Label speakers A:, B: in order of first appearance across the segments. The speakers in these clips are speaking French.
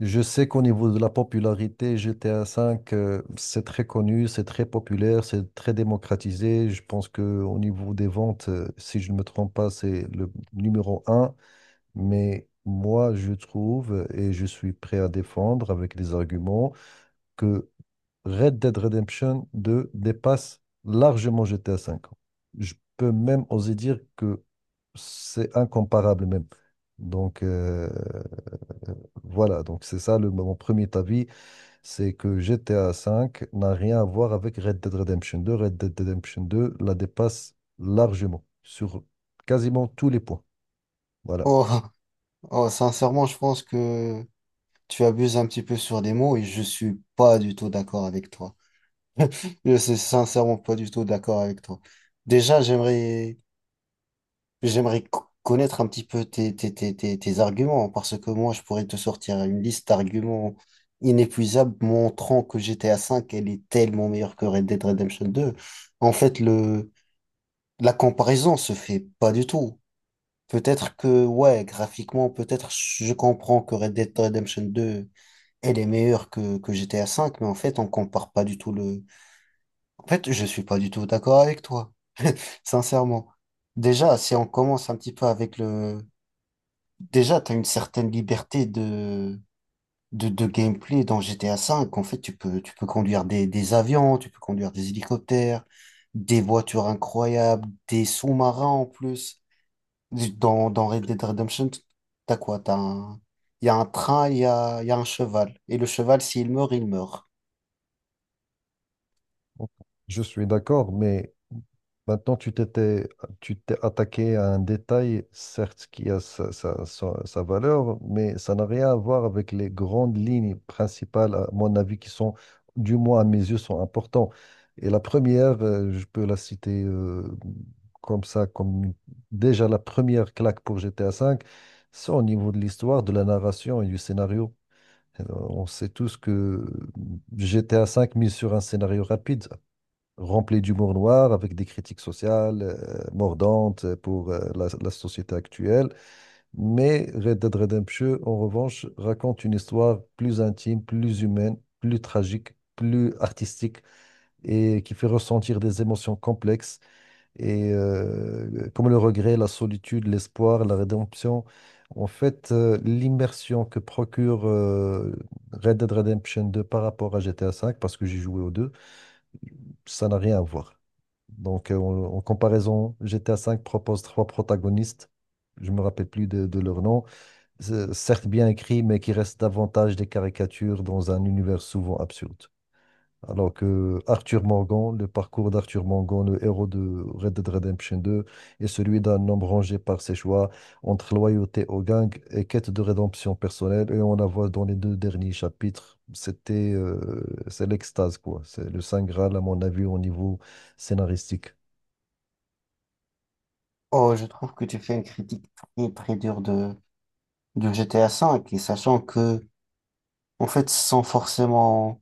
A: Je sais qu'au niveau de la popularité, GTA V, c'est très connu, c'est très populaire, c'est très démocratisé. Je pense que au niveau des ventes, si je ne me trompe pas, c'est le numéro un. Mais moi, je trouve, et je suis prêt à défendre avec des arguments, que Red Dead Redemption 2 dépasse largement GTA V. Je peux même oser dire que c'est incomparable même. Donc, voilà, donc c'est ça mon premier avis c'est que GTA V n'a rien à voir avec Red Dead Redemption 2. Red Dead Redemption 2 la dépasse largement sur quasiment tous les points. Voilà.
B: Oh, oh, sincèrement, je pense que tu abuses un petit peu sur les mots et je suis pas du tout d'accord avec toi. Je suis sincèrement pas du tout d'accord avec toi. Déjà, j'aimerais connaître un petit peu tes arguments parce que moi, je pourrais te sortir une liste d'arguments inépuisables montrant que GTA V, elle est tellement meilleure que Red Dead Redemption 2. En fait, la comparaison se fait pas du tout. Peut-être que, ouais, graphiquement, peut-être je comprends que Red Dead Redemption 2, elle est meilleure que GTA V, mais en fait, on compare pas du tout le. En fait, je suis pas du tout d'accord avec toi, sincèrement. Déjà, si on commence un petit peu avec le. Déjà, t'as une certaine liberté de gameplay dans GTA V. En fait, tu peux conduire des avions, tu peux conduire des hélicoptères, des voitures incroyables, des sous-marins en plus. Dans Red Dead Redemption, t'as quoi? T'as un. Il y a un train, il y a un cheval. Et le cheval, s'il meurt, il meurt.
A: Je suis d'accord, mais maintenant, tu t'es attaqué à un détail, certes, qui a sa valeur, mais ça n'a rien à voir avec les grandes lignes principales, à mon avis, qui sont, du moins à mes yeux, sont importantes. Et la première, je peux la citer comme ça, déjà la première claque pour GTA V, c'est au niveau de l'histoire, de la narration et du scénario. On sait tous que GTA V mise sur un scénario rapide rempli d'humour noir, avec des critiques sociales mordantes pour la société actuelle. Mais Red Dead Redemption, en revanche, raconte une histoire plus intime, plus humaine, plus tragique, plus artistique et qui fait ressentir des émotions complexes et comme le regret, la solitude, l'espoir, la rédemption. En fait, l'immersion que procure Red Dead Redemption 2 par rapport à GTA V, parce que j'ai joué aux deux, ça n'a rien à voir. Donc, en comparaison, GTA V propose trois protagonistes. Je me rappelle plus de leur nom. C'est certes bien écrit, mais qui restent davantage des caricatures dans un univers souvent absurde. Alors que Arthur Morgan, le parcours d'Arthur Morgan, le héros de Red Dead Redemption 2, est celui d'un homme rangé par ses choix entre loyauté au gang et quête de rédemption personnelle. Et on la voit dans les deux derniers chapitres. C'est l'extase, quoi. C'est le Saint Graal, à mon avis, au niveau scénaristique.
B: Oh, je trouve que tu fais une critique très très dure de GTA V. Et sachant que, en fait, sans forcément.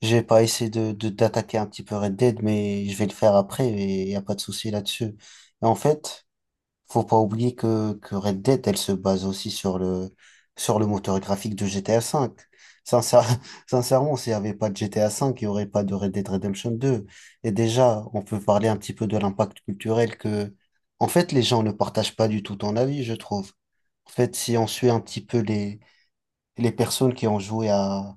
B: J'ai pas essayé d'attaquer un petit peu Red Dead, mais je vais le faire après et y a pas de souci là-dessus. Et en fait. Faut pas oublier que Red Dead, elle se base aussi sur sur le moteur graphique de GTA V. Sincère- sincèrement, s'il n'y avait pas de GTA V, il n'y aurait pas de Red Dead Redemption 2. Et déjà, on peut parler un petit peu de l'impact culturel que, en fait, les gens ne partagent pas du tout ton avis, je trouve. En fait, si on suit un petit peu les personnes qui ont joué à,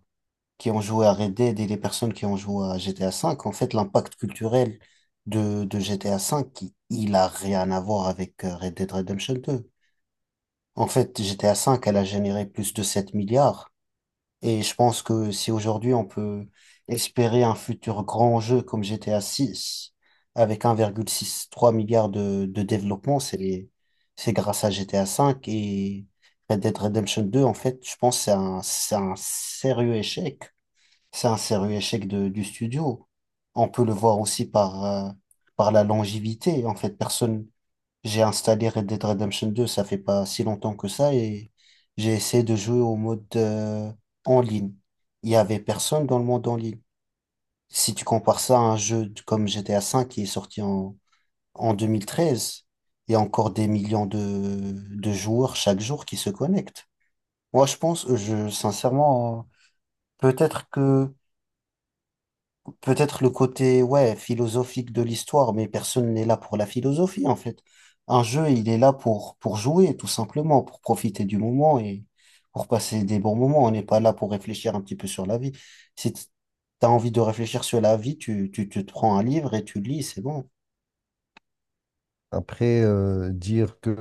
B: qui ont joué à Red Dead et les personnes qui ont joué à GTA V, en fait, l'impact culturel de GTA V, il a rien à voir avec Red Dead Redemption 2. En fait, GTA V, elle a généré plus de 7 milliards. Et je pense que si aujourd'hui on peut espérer un futur grand jeu comme GTA 6, avec 1,63 milliard de développement, c'est grâce à GTA V et Red Dead Redemption 2, en fait, je pense que c'est un sérieux échec. C'est un sérieux échec du studio. On peut le voir aussi par, par la longévité. En fait, personne, j'ai installé Red Dead Redemption 2, ça fait pas si longtemps que ça, et j'ai essayé de jouer au mode en ligne. Il y avait personne dans le monde en ligne. Si tu compares ça à un jeu comme GTA V qui est sorti en, en 2013, il y a encore des millions de joueurs chaque jour qui se connectent. Moi, je pense, je, sincèrement, peut-être que peut-être le côté ouais, philosophique de l'histoire, mais personne n'est là pour la philosophie en fait. Un jeu, il est là pour jouer, tout simplement, pour profiter du moment et pour passer des bons moments. On n'est pas là pour réfléchir un petit peu sur la vie. Si tu as envie de réfléchir sur la vie, tu te prends un livre et tu lis, c'est bon.
A: Après, dire que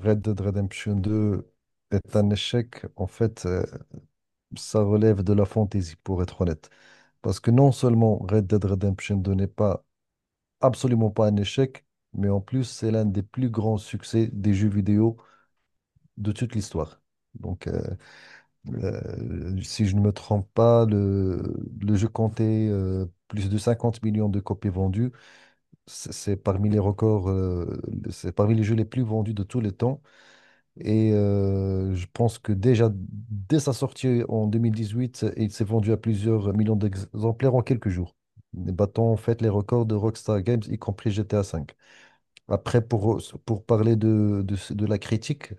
A: Red Dead Redemption 2 est un échec, en fait, ça relève de la fantaisie, pour être honnête. Parce que non seulement Red Dead Redemption 2 n'est pas absolument pas un échec, mais en plus, c'est l'un des plus grands succès des jeux vidéo de toute l'histoire. Donc, si je ne me trompe pas, le jeu comptait plus de 50 millions de copies vendues. C'est parmi les records, c'est parmi les jeux les plus vendus de tous les temps. Et je pense que déjà, dès sa sortie en 2018, il s'est vendu à plusieurs millions d'exemplaires en quelques jours, battant en fait les records de Rockstar Games, y compris GTA V. Après, pour parler de la critique,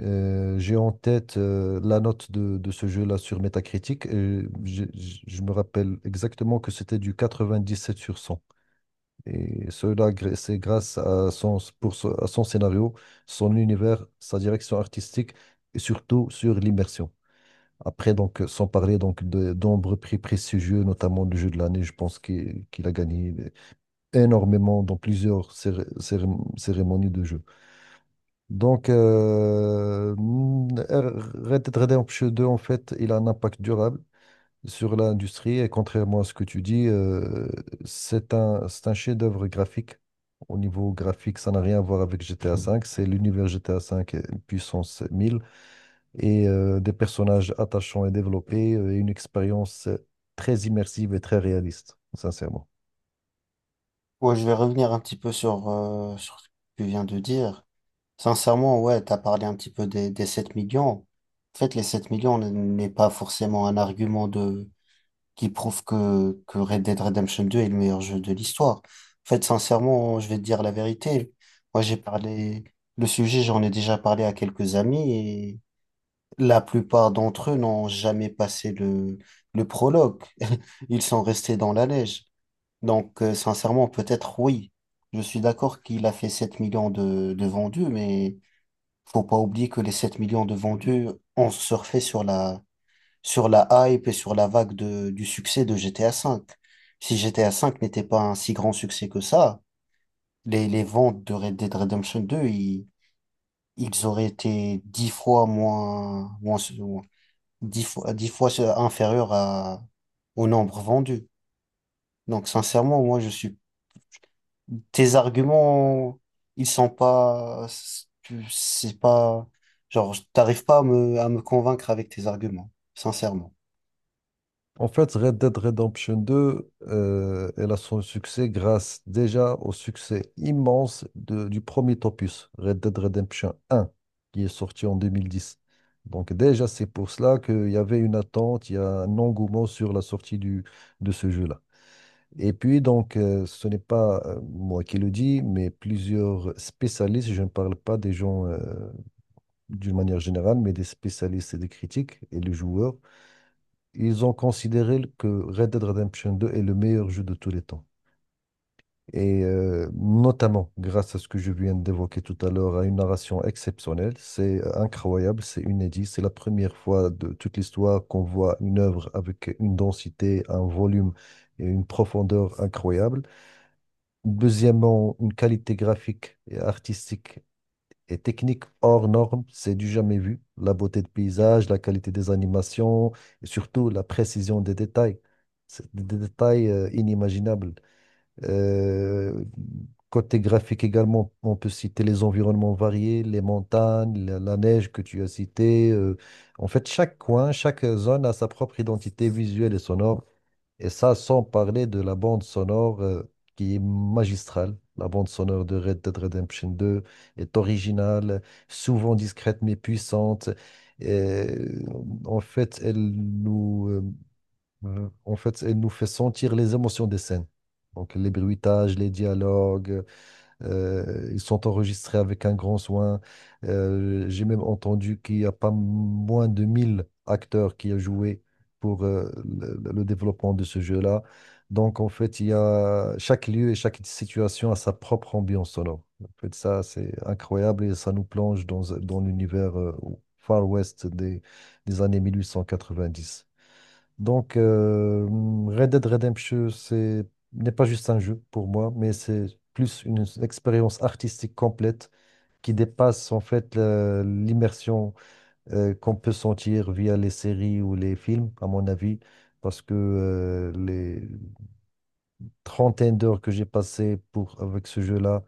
A: j'ai en tête la note de ce jeu-là sur Metacritic. Et je me rappelle exactement que c'était du 97/100. Et cela, c'est grâce à son scénario, son univers, sa direction artistique et surtout sur l'immersion. Après, donc, sans parler donc de nombreux prix prestigieux, notamment le jeu de l'année, je pense qu'il a gagné énormément dans plusieurs cérémonies de jeu. Donc, Red Dead Redemption 2, en fait, il a un impact durable sur l'industrie et contrairement à ce que tu dis, c'est un chef-d'œuvre graphique. Au niveau graphique, ça n'a rien à voir avec GTA V. C'est l'univers GTA V puissance 1000 et des personnages attachants et développés et une expérience très immersive et très réaliste, sincèrement.
B: Ouais, je vais revenir un petit peu sur, sur ce que tu viens de dire. Sincèrement, ouais, t'as parlé un petit peu des 7 millions. En fait, les 7 millions n'est pas forcément un argument de qui prouve que Red Dead Redemption 2 est le meilleur jeu de l'histoire. En fait, sincèrement, je vais te dire la vérité. Moi, j'ai parlé, le sujet, j'en ai déjà parlé à quelques amis et la plupart d'entre eux n'ont jamais passé le prologue. Ils sont restés dans la neige. Donc, sincèrement, peut-être oui. Je suis d'accord qu'il a fait 7 millions de vendus, mais faut pas oublier que les 7 millions de vendus ont surfé sur sur la hype et sur la vague du succès de GTA V. Si GTA V n'était pas un si grand succès que ça, les ventes de Red Dead Redemption 2, ils auraient été dix fois moins, moins, moins- 10 fois inférieurs à, au nombre vendu. Donc, sincèrement, moi, je suis, tes arguments, ils sont pas, c'est pas, genre, t'arrives pas à me, convaincre avec tes arguments, sincèrement.
A: En fait, Red Dead Redemption 2, elle a son succès grâce déjà au succès immense du premier opus, Red Dead Redemption 1, qui est sorti en 2010. Donc déjà, c'est pour cela qu'il y avait une attente, il y a un engouement sur la sortie de ce jeu-là. Et puis, donc, ce n'est pas moi qui le dis, mais plusieurs spécialistes, je ne parle pas des gens d'une manière générale, mais des spécialistes et des critiques et des joueurs ils ont considéré que Red Dead Redemption 2 est le meilleur jeu de tous les temps. Et notamment grâce à ce que je viens d'évoquer tout à l'heure, à une narration exceptionnelle. C'est incroyable, c'est inédit. C'est la première fois de toute l'histoire qu'on voit une œuvre avec une densité, un volume et une profondeur incroyable. Deuxièmement, une qualité graphique et artistique et technique hors norme, c'est du jamais vu. La beauté de paysage, la qualité des animations et surtout la précision des détails. C'est des détails inimaginables. Euh, côté graphique également, on peut citer les environnements variés, les montagnes, la neige que tu as citée. En fait, chaque coin, chaque zone a sa propre identité visuelle et sonore. Et ça, sans parler de la bande sonore qui est magistrale. La bande sonore de Red Dead Redemption 2 est originale, souvent discrète mais puissante. Et, en fait, elle nous fait sentir les émotions des scènes. Donc les bruitages, les dialogues, ils sont enregistrés avec un grand soin. J'ai même entendu qu'il n'y a pas moins de 1 000 acteurs qui ont joué pour le développement de ce jeu-là. Donc, en fait, il y a chaque lieu et chaque situation a sa propre ambiance sonore. En fait, ça, c'est incroyable et ça nous plonge dans l'univers Far West des années 1890. Donc, Red Dead Redemption, n'est pas juste un jeu pour moi, mais c'est plus une expérience artistique complète qui dépasse en fait l'immersion qu'on peut sentir via les séries ou les films, à mon avis, parce que trentaine d'heures que j'ai passées avec ce jeu-là.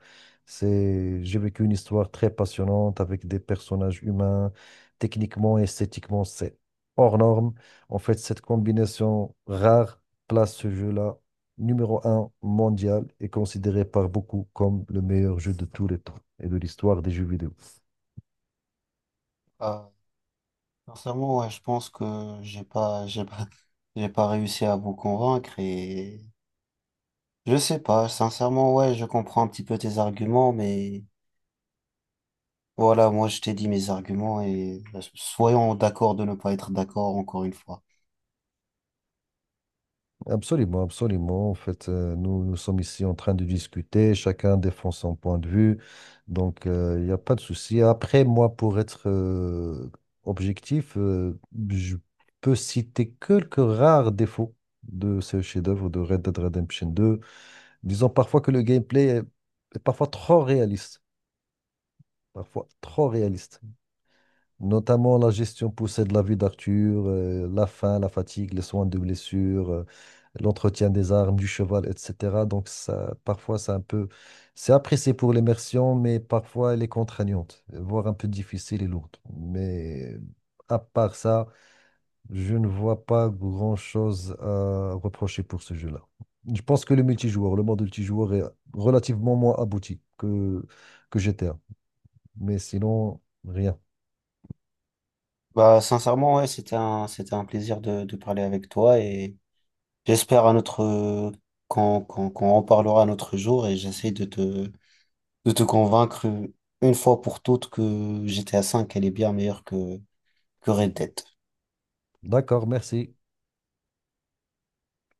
A: J'ai vécu une histoire très passionnante avec des personnages humains. Techniquement, esthétiquement, c'est hors norme. En fait, cette combinaison rare place ce jeu-là numéro un mondial et considéré par beaucoup comme le meilleur jeu de tous les temps et de l'histoire des jeux vidéo.
B: Euh, Sincèrement, ouais, je pense que j'ai pas, j'ai pas réussi à vous convaincre et je sais pas, sincèrement, ouais, je comprends un petit peu tes arguments, mais voilà, moi je t'ai dit mes arguments et soyons d'accord de ne pas être d'accord encore une fois.
A: Absolument, absolument. En fait, nous, nous sommes ici en train de discuter, chacun défend son point de vue, donc il n'y a pas de souci. Après, moi, pour être objectif, je peux citer quelques rares défauts de ce chef-d'œuvre de Red Dead Redemption 2. Disons parfois que le gameplay est parfois trop réaliste, parfois trop réaliste. Notamment la gestion poussée de la vie d'Arthur, la faim, la fatigue, les soins de blessure, l'entretien des armes, du cheval, etc. Donc ça, parfois, c'est apprécié pour l'immersion, mais parfois elle est contraignante, voire un peu difficile et lourde. Mais à part ça, je ne vois pas grand-chose à reprocher pour ce jeu-là. Je pense que le multijoueur, le mode multijoueur est relativement moins abouti que GTA. Mais sinon, rien.
B: Bah, sincèrement, ouais, c'était un plaisir de parler avec toi et j'espère à notre, qu'on en parlera un autre jour et j'essaie de te convaincre une fois pour toutes que GTA V elle est bien meilleure que Red Dead.
A: D'accord, merci.